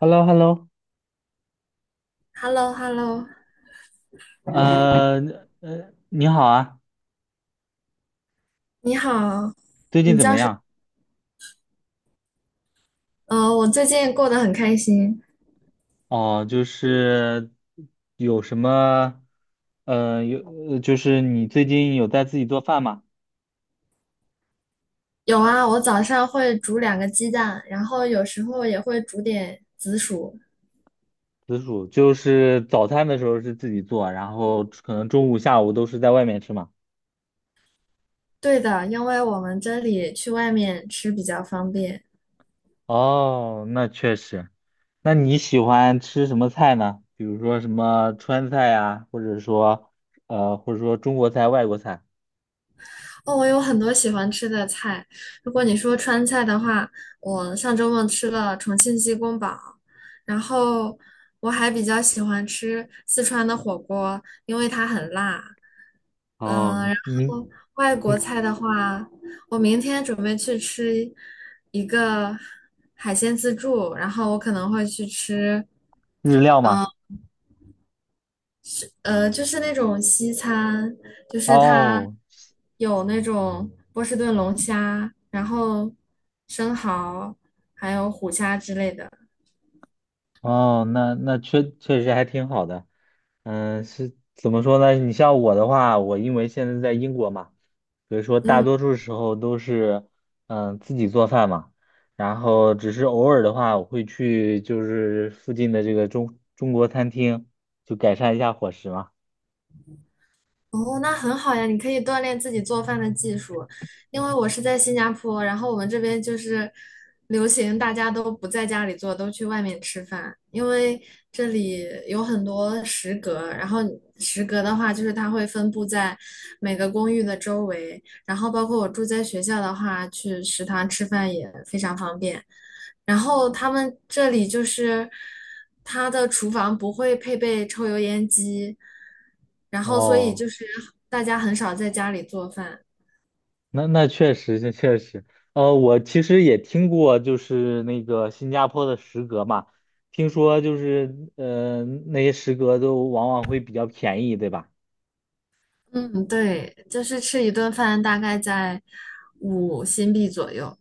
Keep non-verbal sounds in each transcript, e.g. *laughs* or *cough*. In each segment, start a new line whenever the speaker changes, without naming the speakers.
h e l l o h e l l o
h e l l o h e l l o
呃你好啊，
你好，
最近怎么样？
我最近过得很开心。
哦，就是有什么，呃，有，就是你最近有在自己做饭吗？
有啊，我早上会煮两个鸡蛋，然后有时候也会煮点紫薯。
紫薯，就是早餐的时候是自己做，然后可能中午、下午都是在外面吃嘛。
对的，因为我们这里去外面吃比较方便。
哦，那确实。那你喜欢吃什么菜呢？比如说什么川菜呀，或者说中国菜、外国菜。
哦，我有很多喜欢吃的菜。如果你说川菜的话，我上周末吃了重庆鸡公煲，然后我还比较喜欢吃四川的火锅，因为它很辣。嗯，
哦，
然
你
后外国菜的话，我明天准备去吃一个海鲜自助，然后我可能会去吃。
日料吗？
就是那种西餐，就是它
哦。
有那种波士顿龙虾，然后生蚝，还有虎虾之类的。
哦，那那确实还挺好的。嗯，是怎么说呢？你像我的话，我因为现在在英国嘛，所以说大
嗯，
多数时候都是嗯自己做饭嘛，然后只是偶尔的话，我会去就是附近的这个中国餐厅，就改善一下伙食嘛。
哦，那很好呀，你可以锻炼自己做饭的技术。因为我是在新加坡，然后我们这边就是流行大家都不在家里做，都去外面吃饭。因为这里有很多食阁，然后食阁的话，就是它会分布在每个公寓的周围，然后包括我住在学校的话，去食堂吃饭也非常方便。然后他们这里就是它的厨房不会配备抽油烟机。然后所以
哦。
就是大家很少在家里做饭。
那确实，我其实也听过，就是那个新加坡的食阁嘛，听说就是，那些食阁都往往会比较便宜，对吧？
嗯，对，就是吃一顿饭大概在5新币左右。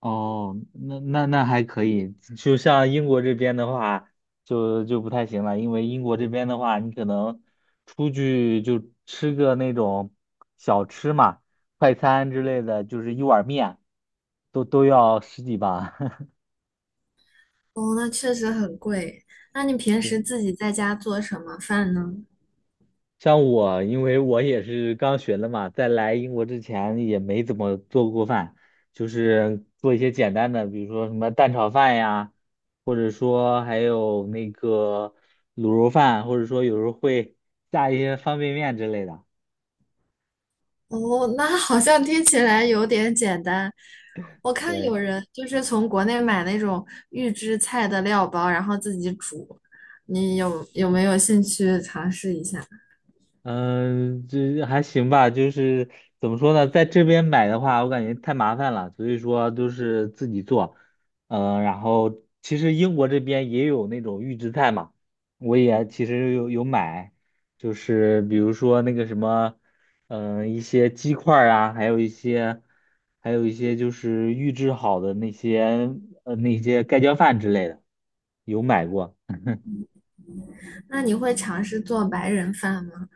哦，那还可以，就像英国这边的话，就不太行了，因为英国这边的话，你可能出去就吃个那种小吃嘛，快餐之类的，就是一碗面，都要十几吧。*laughs*
哦，那确实很贵。那你平时
对
自己在家做什么饭呢？
像我，因为我也是刚学的嘛，在来英国之前也没怎么做过饭，就是做一些简单的，比如说什么蛋炒饭呀，或者说还有那个卤肉饭，或者说有时候会下一些方便面之类的。
哦，那好像听起来有点简单。我看
对。
有人就是从国内买那种预制菜的料包，然后自己煮。你有没有兴趣尝试一下？
嗯，这还行吧，就是怎么说呢，在这边买的话，我感觉太麻烦了，所以说都是自己做。嗯，然后其实英国这边也有那种预制菜嘛，我也其实有买，就是比如说那个什么，嗯，一些鸡块儿啊，还有一些，还有一些就是预制好的那些，那些盖浇饭之类的，有买过。
那你会尝试做白人饭吗？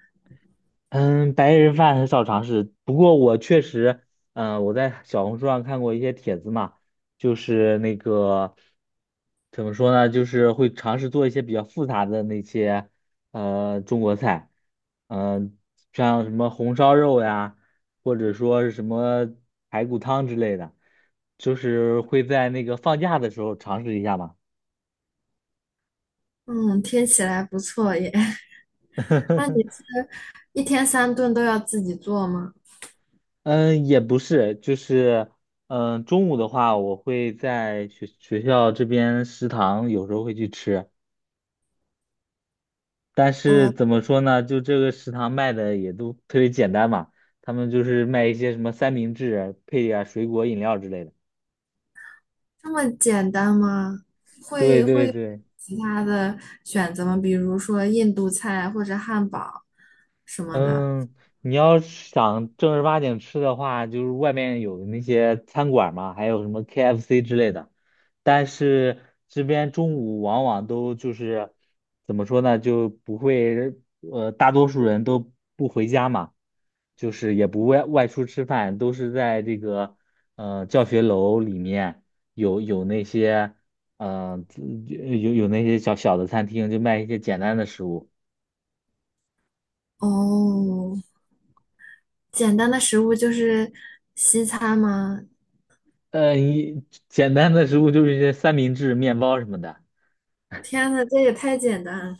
嗯，白人饭很少尝试，不过我确实，嗯、我在小红书上看过一些帖子嘛，就是那个怎么说呢，就是会尝试做一些比较复杂的那些中国菜，嗯、像什么红烧肉呀，或者说是什么排骨汤之类的，就是会在那个放假的时候尝试一下嘛。
嗯，听起来不错耶。那你
*laughs*
一天三顿都要自己做吗？
嗯，也不是，就是，嗯，中午的话，我会在学校这边食堂有时候会去吃，但是
哦，
怎么说呢，就这个食堂卖的也都特别简单嘛，他们就是卖一些什么三明治啊，配点儿水果饮料之类的。
这么简单吗？
对
会会
对
有
对。
其他的选择吗？比如说印度菜或者汉堡什么的。
嗯，你要是想正儿八经吃的话，就是外面有那些餐馆嘛，还有什么 KFC 之类的。但是这边中午往往都就是怎么说呢，就不会，呃，大多数人都不回家嘛，就是也不外出吃饭，都是在这个教学楼里面有有那些呃有那些小小的餐厅，就卖一些简单的食物。
哦，简单的食物就是西餐吗？
呃，一简单的食物就是一些三明治、面包什么的。
天呐，这也太简单了。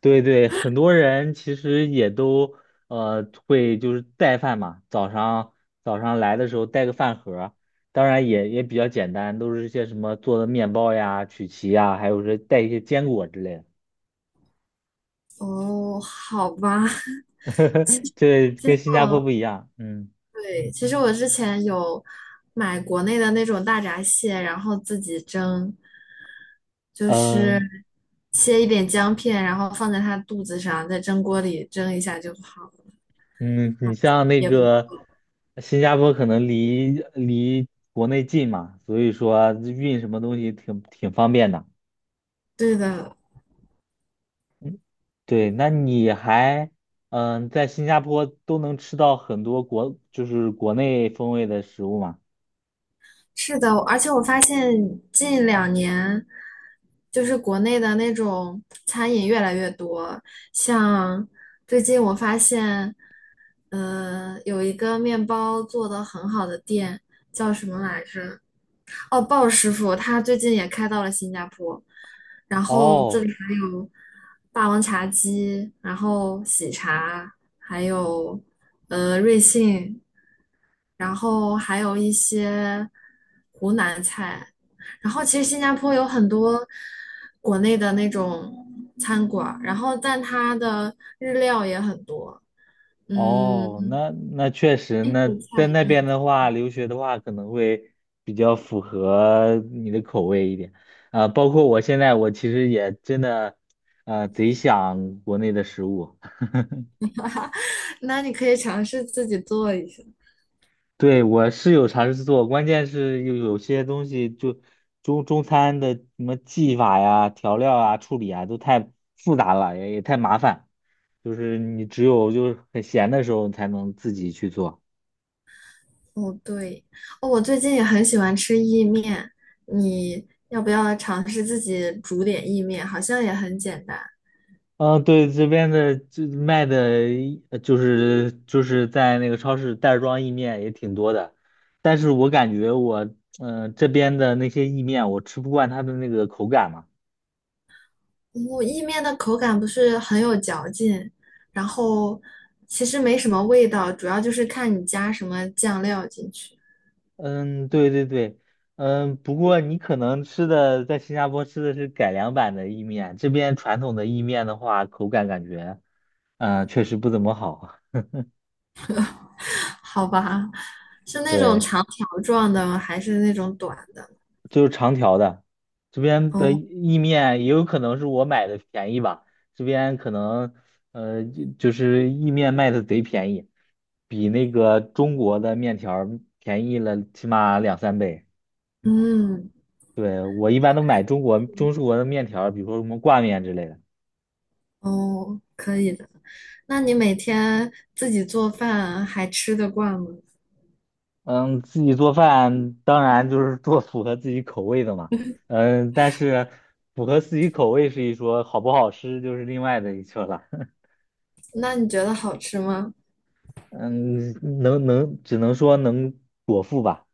对对，很多人其实也都会就是带饭嘛，早上来的时候带个饭盒儿当然也比较简单，都是一些什么做的面包呀、曲奇呀，还有是带一些坚果之类的。
哦，好吧。*laughs*
*laughs* 对，
其
跟
实
新加坡
我
不一样。嗯
对，其实我之前有买国内的那种大闸蟹，然后自己蒸，就是
嗯
切一点姜片，然后放在它肚子上，在蒸锅里蒸一下就好了，
嗯，你像那
也不
个
错。
新加坡可能离国内近嘛，所以说运什么东西挺方便的。
对的，
嗯，对，那你还嗯在新加坡都能吃到很多国就是国内风味的食物吗？
是的，而且我发现近2年就是国内的那种餐饮越来越多，像最近我发现，有一个面包做的很好的店叫什么来着？哦，鲍师傅他最近也开到了新加坡，然后这
哦
里还有霸王茶姬，然后喜茶，还有瑞幸，然后还有一些湖南菜，然后其实新加坡有很多国内的那种餐馆儿，然后但它的日料也很多，嗯，
哦，那确实，那在那边的话，留学的话可能会比较符合你的口味一点啊，包括我现在我其实也真的呃贼想国内的食物。
那你可以尝试自己做一下。
对，我是有尝试做，关键是有些东西就中餐的什么技法呀、调料啊、处理啊，都太复杂了，也太麻烦。就是你只有就是很闲的时候，你才能自己去做。
哦，对，哦，我最近也很喜欢吃意面，你要不要尝试自己煮点意面？好像也很简单。
嗯，对，这边的就卖的一呃就是就是在那个超市袋儿装意面也挺多的，但是我感觉我嗯、呃这边的那些意面，我吃不惯它的那个口感嘛。
我意面的口感不是很有嚼劲，然后其实没什么味道，主要就是看你加什么酱料进去，
嗯，对对对，嗯，不过你可能吃的在新加坡吃的是改良版的意面，这边传统的意面的话，口感感觉，嗯，确实不怎么好。
*laughs* 好吧？是那种
对，
长条状的，还是那种短的？
就是长条的，这边的
哦，
意面也有可能是我买的便宜吧，这边可能，呃，就就是意面卖的贼便宜，比那个中国的面条儿便宜了起码两三倍。
嗯，
对，我一般都买中式的面条儿比如说什么挂面之类的。
哦，可以的。那你每天自己做饭还吃得惯吗？
嗯，自己做饭当然就是做符合自己口味的嘛。嗯，但是符合自己口味是一说，好不好吃就是另外的一说了。*laughs*
那你觉得好吃吗？
嗯，只能说能果腹吧，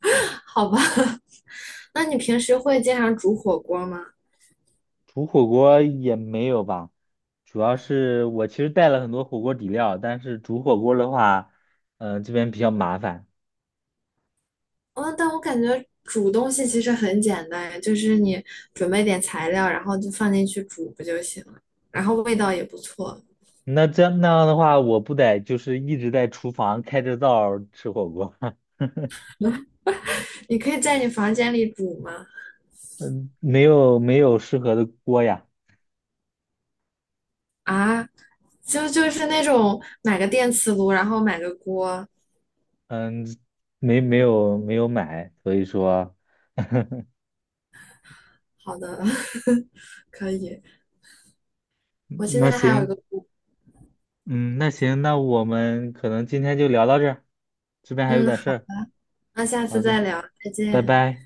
*laughs* 好吧，*laughs* 那你平时会经常煮火锅吗？
煮火锅也没有吧。主要是我其实带了很多火锅底料，但是煮火锅的话，嗯、这边比较麻烦。
嗯，但我感觉煮东西其实很简单，就是你准备点材料，然后就放进去煮不就行了？然后味道也不错。
那这样的话，我不得就是一直在厨房开着灶儿吃火锅，*laughs*
你可以在你房间里煮吗？
嗯，没有适合的锅呀。
啊，就是那种买个电磁炉，然后买个锅。
嗯，没有买，所以说，*laughs*
好的，*laughs* 可以。我现
那
在还有一
行，
个锅。
嗯，那行，那我们可能今天就聊到这儿，这边还有
嗯，
点事
好，
儿。
那下次
好
再
的，
聊，再
拜
见。
拜。